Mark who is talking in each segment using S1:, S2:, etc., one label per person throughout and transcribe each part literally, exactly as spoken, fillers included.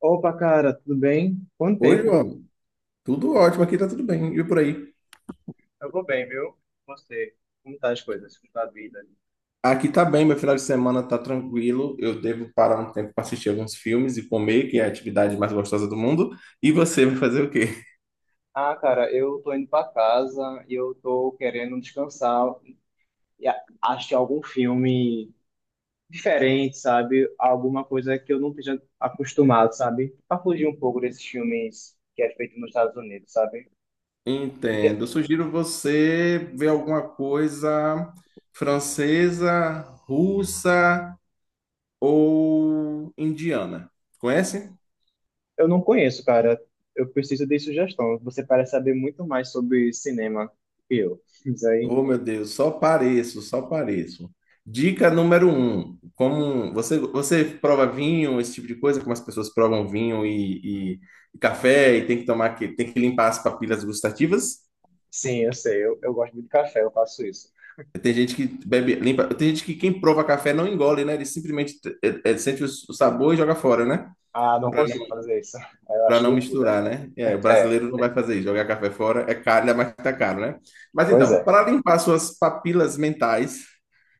S1: Opa, cara, tudo bem? Quanto
S2: Oi,
S1: tempo?
S2: João. Tudo ótimo, aqui tá tudo bem. E por aí?
S1: Eu vou bem, viu? Você, como tá as coisas, como tá a vida?
S2: Aqui tá bem, meu final de semana tá tranquilo. Eu devo parar um tempo para assistir alguns filmes e comer, que é a atividade mais gostosa do mundo. E você vai fazer o quê?
S1: Ah, cara, eu tô indo pra casa e eu tô querendo descansar e a- assistir algum filme diferente, sabe? Alguma coisa que eu não esteja acostumado, sabe? Pra fugir um pouco desses filmes que é feito nos Estados Unidos, sabe? Porque
S2: Entendo. Eu sugiro você ver alguma coisa francesa, russa ou indiana. Conhece?
S1: eu não conheço, cara. Eu preciso de sugestão. Você parece saber muito mais sobre cinema que eu. Isso aí.
S2: Oh, meu Deus, só pareço, só pareço. Dica número um, como você, você prova vinho, esse tipo de coisa, como as pessoas provam vinho e, e- e café e tem que tomar que tem que limpar as papilas gustativas.
S1: Sim, eu sei. Eu, eu gosto muito de café, eu faço isso.
S2: Tem gente que bebe, limpa, tem gente que quem prova café não engole, né? Ele simplesmente eh, eh, sente o sabor e joga fora, né?
S1: Ah, não consigo fazer isso. Eu
S2: Para
S1: acho
S2: não
S1: loucura.
S2: misturar, né? É, o
S1: É,
S2: brasileiro não vai fazer isso, jogar café fora é caro, mas tá caro, né? Mas
S1: pois
S2: então,
S1: é.
S2: para limpar suas papilas mentais,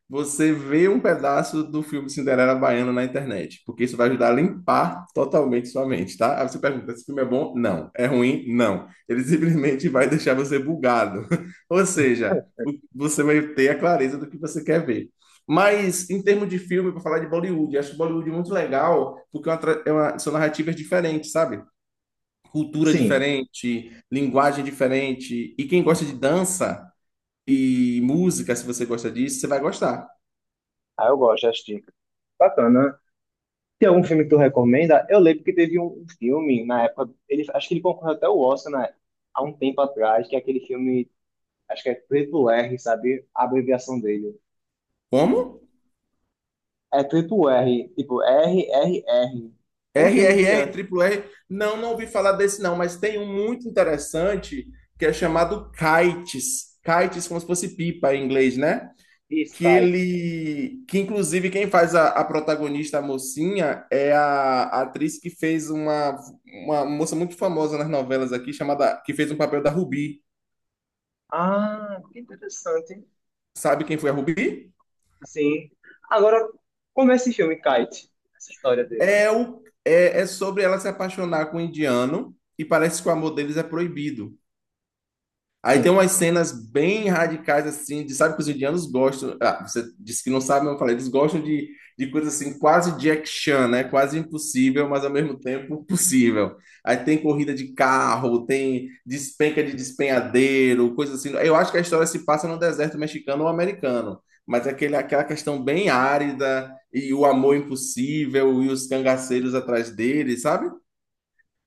S2: você vê um pedaço do filme Cinderela Baiana na internet, porque isso vai ajudar a limpar totalmente sua mente, tá? Aí você pergunta, esse filme é bom? Não. É ruim? Não. Ele simplesmente vai deixar você bugado. Ou seja, o- você vai ter a clareza do que você quer ver. Mas em termos de filme, para falar de Bollywood, eu acho Bollywood muito legal, porque é uma tra- é uma- são narrativas diferentes, sabe? Cultura
S1: Sim,
S2: diferente, linguagem diferente. E quem gosta de dança e música, se você gosta disso, você vai gostar.
S1: ah, eu gosto, acho que bacana. Tem algum filme que tu recomenda? Eu lembro que teve um um filme na época, ele, acho que ele concorreu até o Oscar, né, há um tempo atrás, que é aquele filme, acho que é Triple R, sabe? A abreviação dele.
S2: Como?
S1: É Triple R, tipo R, R, R. Um
S2: R
S1: filme
S2: R
S1: de
S2: R,
S1: an-
S2: Triple R. Não, não ouvi falar desse não, mas tem um muito interessante que é chamado Kites. Kites, como se fosse pipa em inglês, né?
S1: de
S2: Que
S1: Kite.
S2: ele. Que inclusive quem faz a, a protagonista, a mocinha, é a, a atriz que fez uma, uma moça muito famosa nas novelas aqui, chamada. Que fez um papel da Ruby.
S1: Ah, que interessante.
S2: Sabe quem foi a Ruby?
S1: Sim. Agora, como é esse filme, Kite? Essa história dele.
S2: É, o, é, é sobre ela se apaixonar com um indiano e parece que o amor deles é proibido. Aí tem
S1: Sim,
S2: umas cenas bem radicais, assim, de sabe que os indianos gostam. Ah, você disse que não sabe, mas eu falei, eles gostam de, de coisas assim, quase Jack Chan, né? Quase impossível, mas ao mesmo tempo possível. Aí tem corrida de carro, tem despenca de despenhadeiro, coisas assim. Eu acho que a história se passa no deserto mexicano ou americano, mas é aquele, aquela questão bem árida e o amor impossível e os cangaceiros atrás dele, sabe?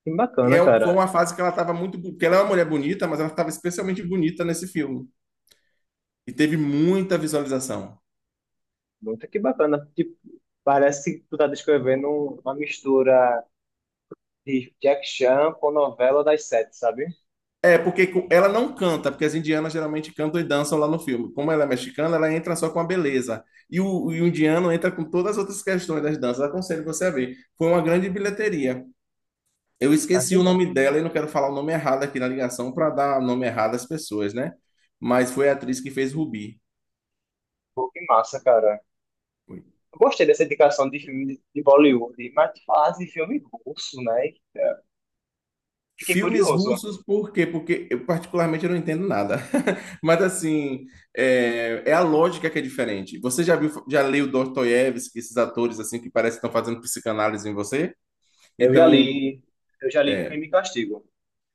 S1: que
S2: E
S1: bacana,
S2: é- um, foi
S1: cara.
S2: uma fase que ela estava muito. bo- Porque ela é uma mulher bonita, mas ela estava especialmente bonita nesse filme. E teve muita visualização.
S1: Muito que bacana. Tipo, parece que tu tá descrevendo um- uma mistura de Jack Chan com novela das sete, sabe?
S2: É, porque co- ela não canta, porque as indianas geralmente cantam e dançam lá no filme. Como ela é mexicana, ela entra só com a beleza. E o, e o indiano entra com todas as outras questões das danças. Aconselho você a ver. Foi uma grande bilheteria. Eu
S1: Ah,
S2: esqueci
S1: que,
S2: o
S1: ma-
S2: nome dela e não quero falar o nome errado aqui na ligação para dar o nome errado às pessoas, né? Mas foi a atriz que fez Rubi.
S1: pô, que massa, cara. Eu gostei dessa indicação de filme de de Bollywood, mas tu falasse de filme russo, né? Fiquei
S2: Filmes
S1: curioso.
S2: russos, por quê? Porque eu particularmente eu não entendo nada. Mas assim, é, é a lógica que é diferente. Você já viu, já leu Dostoiévski, esses atores assim que parece que estão fazendo psicanálise em você?
S1: Eu já
S2: Então,
S1: li, eu já li
S2: é,
S1: Crime e Castigo.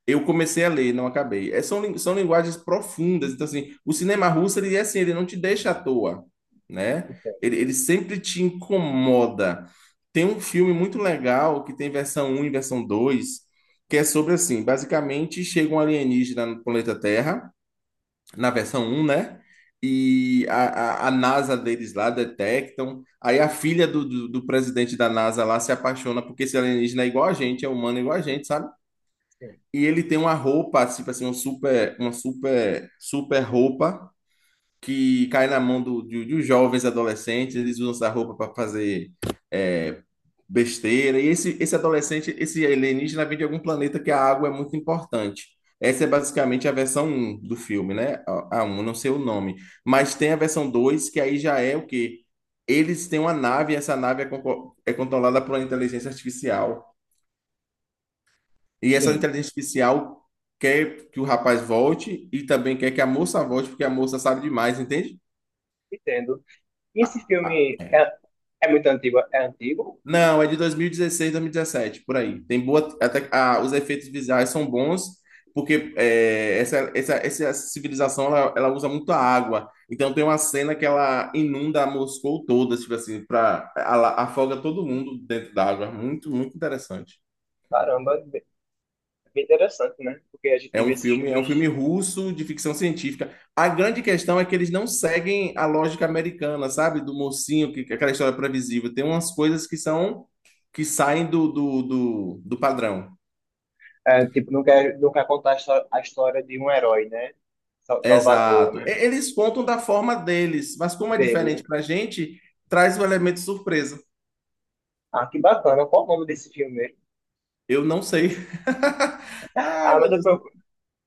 S2: eu comecei a ler, não acabei. É, são, lin- são linguagens profundas. Então, assim, o cinema russo, ele é assim, ele não te deixa à toa, né?
S1: Entendo,
S2: Ele, ele sempre te incomoda. Tem um filme muito legal que tem versão um e versão dois, que é sobre, assim, basicamente chega um alienígena no planeta Terra, na versão um, né? E a, a, a NASA deles lá detectam. Aí a filha do, do, do presidente da NASA lá se apaixona porque esse alienígena é igual a gente, é humano igual a gente, sabe?
S1: sim.
S2: E ele tem uma roupa, tipo assim, um super, uma super, super roupa que cai na mão do, de, de jovens adolescentes. Eles usam essa roupa para fazer é, besteira. E esse, esse adolescente, esse alienígena vem de algum planeta que a água é muito importante. Essa é basicamente a versão um do filme, né? A a um, não sei o nome. Mas tem a versão dois que aí já é o quê? Eles têm uma nave, e essa nave é, conco- é controlada por uma inteligência artificial. E essa
S1: Sim,
S2: inteligência artificial quer que o rapaz volte e também quer que a moça volte, porque a moça sabe demais, entende?
S1: entendo. E esse
S2: Ah, ah.
S1: filme é,
S2: É.
S1: é muito antigo? É antigo?
S2: Não, é de dois mil e dezesseis, dois mil e dezessete por aí. Tem boa. Até, ah, os efeitos visuais são bons, porque é, essa, essa, essa civilização ela, ela usa muito a água. Então tem uma cena que ela inunda Moscou toda, tipo assim, pra, ela afoga todo mundo dentro da água. Muito, muito interessante.
S1: Caramba, bem bem interessante, né? Porque a
S2: É
S1: gente
S2: um
S1: vê esses
S2: filme, é um filme
S1: filmes.
S2: russo de ficção científica. A grande questão é que eles não seguem a lógica americana, sabe? Do mocinho, que que aquela história é previsível. Tem umas coisas que são que saem do, do, do, do padrão.
S1: É, tipo, não quer, não quer contar a histó- a história de um herói, né? Sal- Salvador,
S2: Exato. E-
S1: né?
S2: Eles contam da forma deles, mas como é
S1: Dele.
S2: diferente pra gente, traz o elemento surpresa.
S1: Ah, que bacana. Qual o nome desse filme mesmo?
S2: Eu não sei. Ai,
S1: Ah,
S2: meu
S1: mas eu
S2: Deus.
S1: procuro,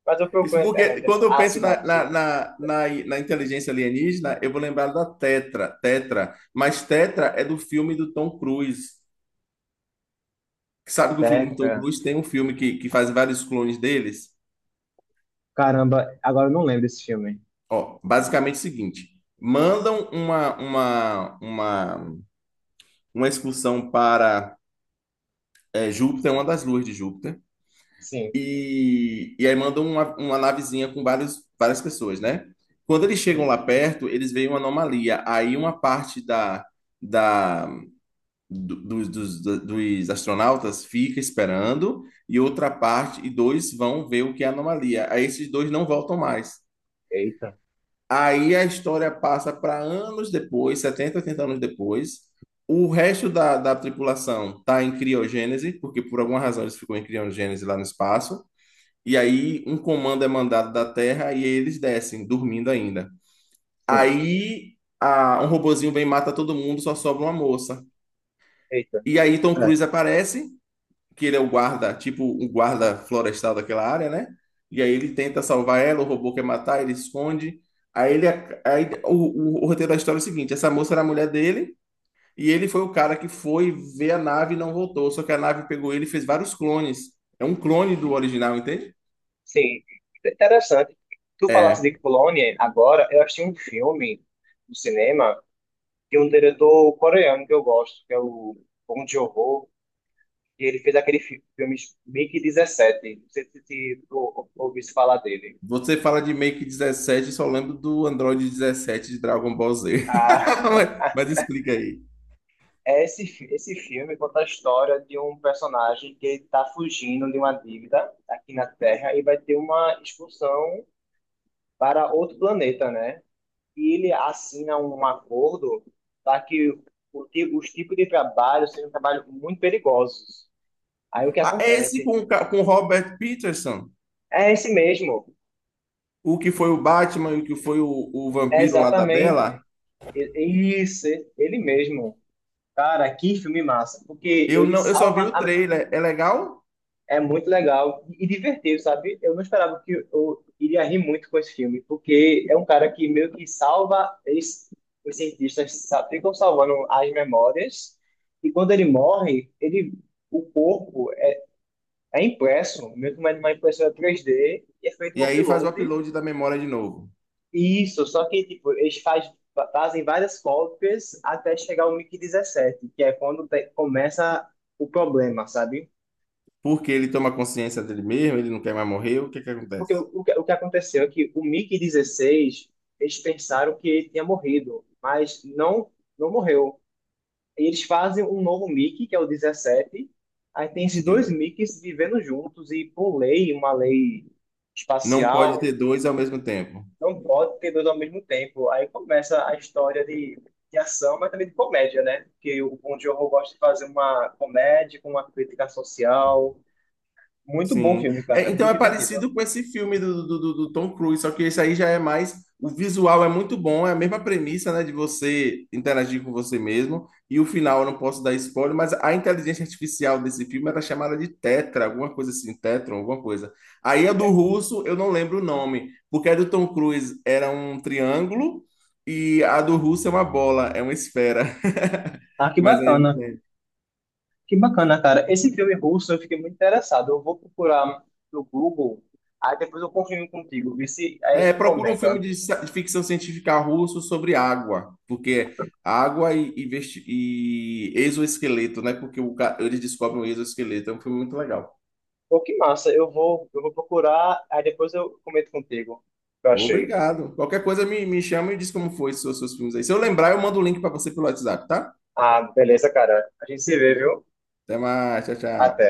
S1: mas eu procuro
S2: Isso
S1: na
S2: porque
S1: internet.
S2: quando eu
S1: Ah,
S2: penso na, na,
S1: sinopse.
S2: na, na, na inteligência alienígena, eu vou lembrar da Tetra, Tetra. Mas Tetra é do filme do Tom Cruise. Sabe que o filme do Tom
S1: Teca.
S2: Cruise tem um filme que, que faz vários clones deles?
S1: Caramba, agora eu não lembro desse filme.
S2: Ó, basicamente o seguinte: mandam uma, uma, uma, uma excursão para é, Júpiter, uma das luas de Júpiter.
S1: Sim,
S2: E, e aí mandam uma, uma navezinha com vários, várias pessoas, né? Quando eles chegam
S1: sim.
S2: lá perto, eles veem uma anomalia. Aí uma parte da, da, do- dos, dos, dos astronautas fica esperando, e outra parte, e dois vão ver o que é a anomalia. Aí esses dois não voltam mais.
S1: Eita.
S2: Aí a história passa para anos depois, setenta, oitenta anos depois. O resto da, da tripulação está em criogênese, porque por alguma razão eles ficam em criogênese lá no espaço. E aí um comando é mandado da Terra e eles descem, dormindo ainda.
S1: Sim,
S2: Aí a- um robozinho vem e mata todo mundo, só sobra uma moça.
S1: eita.
S2: E aí Tom Cruise
S1: Certo.
S2: aparece, que ele é o guarda, tipo o guarda florestal daquela área, né? E aí ele tenta salvar ela, o robô quer matar, ele esconde. Aí ele, aí o, o- o roteiro da história é o seguinte: essa moça era a mulher dele e ele foi o cara que foi ver a nave e não voltou. Só que a nave pegou ele e fez vários clones. É um clone do original, entende?
S1: Sim, interessante. Tu falaste
S2: É.
S1: de Colônia, agora eu achei um filme no cinema de um diretor coreano que eu gosto, que é o Bong Joon-ho. E ele fez aquele fi- filme Mickey dezessete. Não sei se se tu ou- ouviu se falar dele.
S2: Você fala de Make dezessete, só lembro do Android dezessete de Dragon Ball Z.
S1: Ah,
S2: Mas, mas explica aí.
S1: é esse, fi- esse filme conta a história de um personagem que está fugindo de uma dívida aqui na Terra e vai ter uma expulsão para outro planeta, né? E ele assina um acordo para que o ti- os tipos de trabalho sejam trabalhos muito perigosos. Aí o que
S2: Ah, é esse
S1: acontece?
S2: com, o ca- com o Robert Pattinson,
S1: É esse mesmo,
S2: o que foi o Batman e o que foi o, o
S1: é
S2: vampiro lá da
S1: exatamente.
S2: Bella,
S1: E isso, ele mesmo. Cara, que filme massa, porque
S2: eu
S1: ele
S2: não, eu só vi
S1: salva.
S2: o
S1: a-
S2: trailer. É legal?
S1: é muito legal e divertido, sabe? Eu não esperava que eu iria rir muito com esse filme, porque é um cara que meio que salva. Eles, os cientistas sa- ficam salvando as memórias, e quando ele morre, ele, o corpo é impresso, meio que uma uma impressora três D, e é feito um
S2: E aí faz o
S1: upload.
S2: upload da memória de novo.
S1: Isso, só que tipo, eles faz, fa- fazem várias cópias até chegar ao MIC dezessete, que é quando te- começa o problema, sabe?
S2: Porque ele toma consciência dele mesmo, ele não quer mais morrer, o que é que
S1: Porque
S2: acontece?
S1: o, o que, o que aconteceu é que o Mickey dezesseis eles pensaram que ele tinha morrido, mas não, não morreu. E eles fazem um novo Mickey que é o dezessete. Aí tem esses dois
S2: Sim.
S1: MiGs vivendo juntos e, por lei, uma lei
S2: Não pode ter
S1: espacial,
S2: dois ao mesmo tempo.
S1: não pode ter dois ao mesmo tempo. Aí começa a história de, de ação, mas também de comédia, né? Porque o Bong Joon-ho gosta de fazer uma comédia com uma crítica social. Muito bom
S2: Sim.
S1: filme,
S2: É,
S1: cara.
S2: então
S1: Muito
S2: é
S1: divertido.
S2: parecido com esse filme do, do, do- do Tom Cruise, só que esse aí já é mais. O visual é muito bom, é a mesma premissa, né, de você interagir com você mesmo. E o final, eu não posso dar spoiler, mas a inteligência artificial desse filme era chamada de Tetra, alguma coisa assim, Tetron, alguma coisa. Aí a do russo, eu não lembro o nome, porque a do Tom Cruise era um triângulo e a do russo é uma bola, é uma esfera.
S1: Ah, que
S2: Mas aí
S1: bacana. Que bacana, cara. Esse filme russo eu fiquei muito interessado. Eu vou procurar no Google, aí depois eu confirmo contigo, vê se aí a
S2: é,
S1: gente
S2: procura um filme
S1: comenta.
S2: de, ci- de ficção científica russo sobre água, porque água e, e, vesti- e exoesqueleto, né? Porque o ca- eles descobrem o exoesqueleto. É um filme muito legal.
S1: Pô, que massa, eu vou, eu vou procurar, aí depois eu comento contigo o que eu achei.
S2: Obrigado. Qualquer coisa me, me chama e diz como foi os seus, seus filmes aí. Se eu lembrar, eu mando o link para você pelo WhatsApp, tá?
S1: Ah, beleza, cara. A gente se vê, viu?
S2: Até mais. Tchau,
S1: Até.
S2: tchau.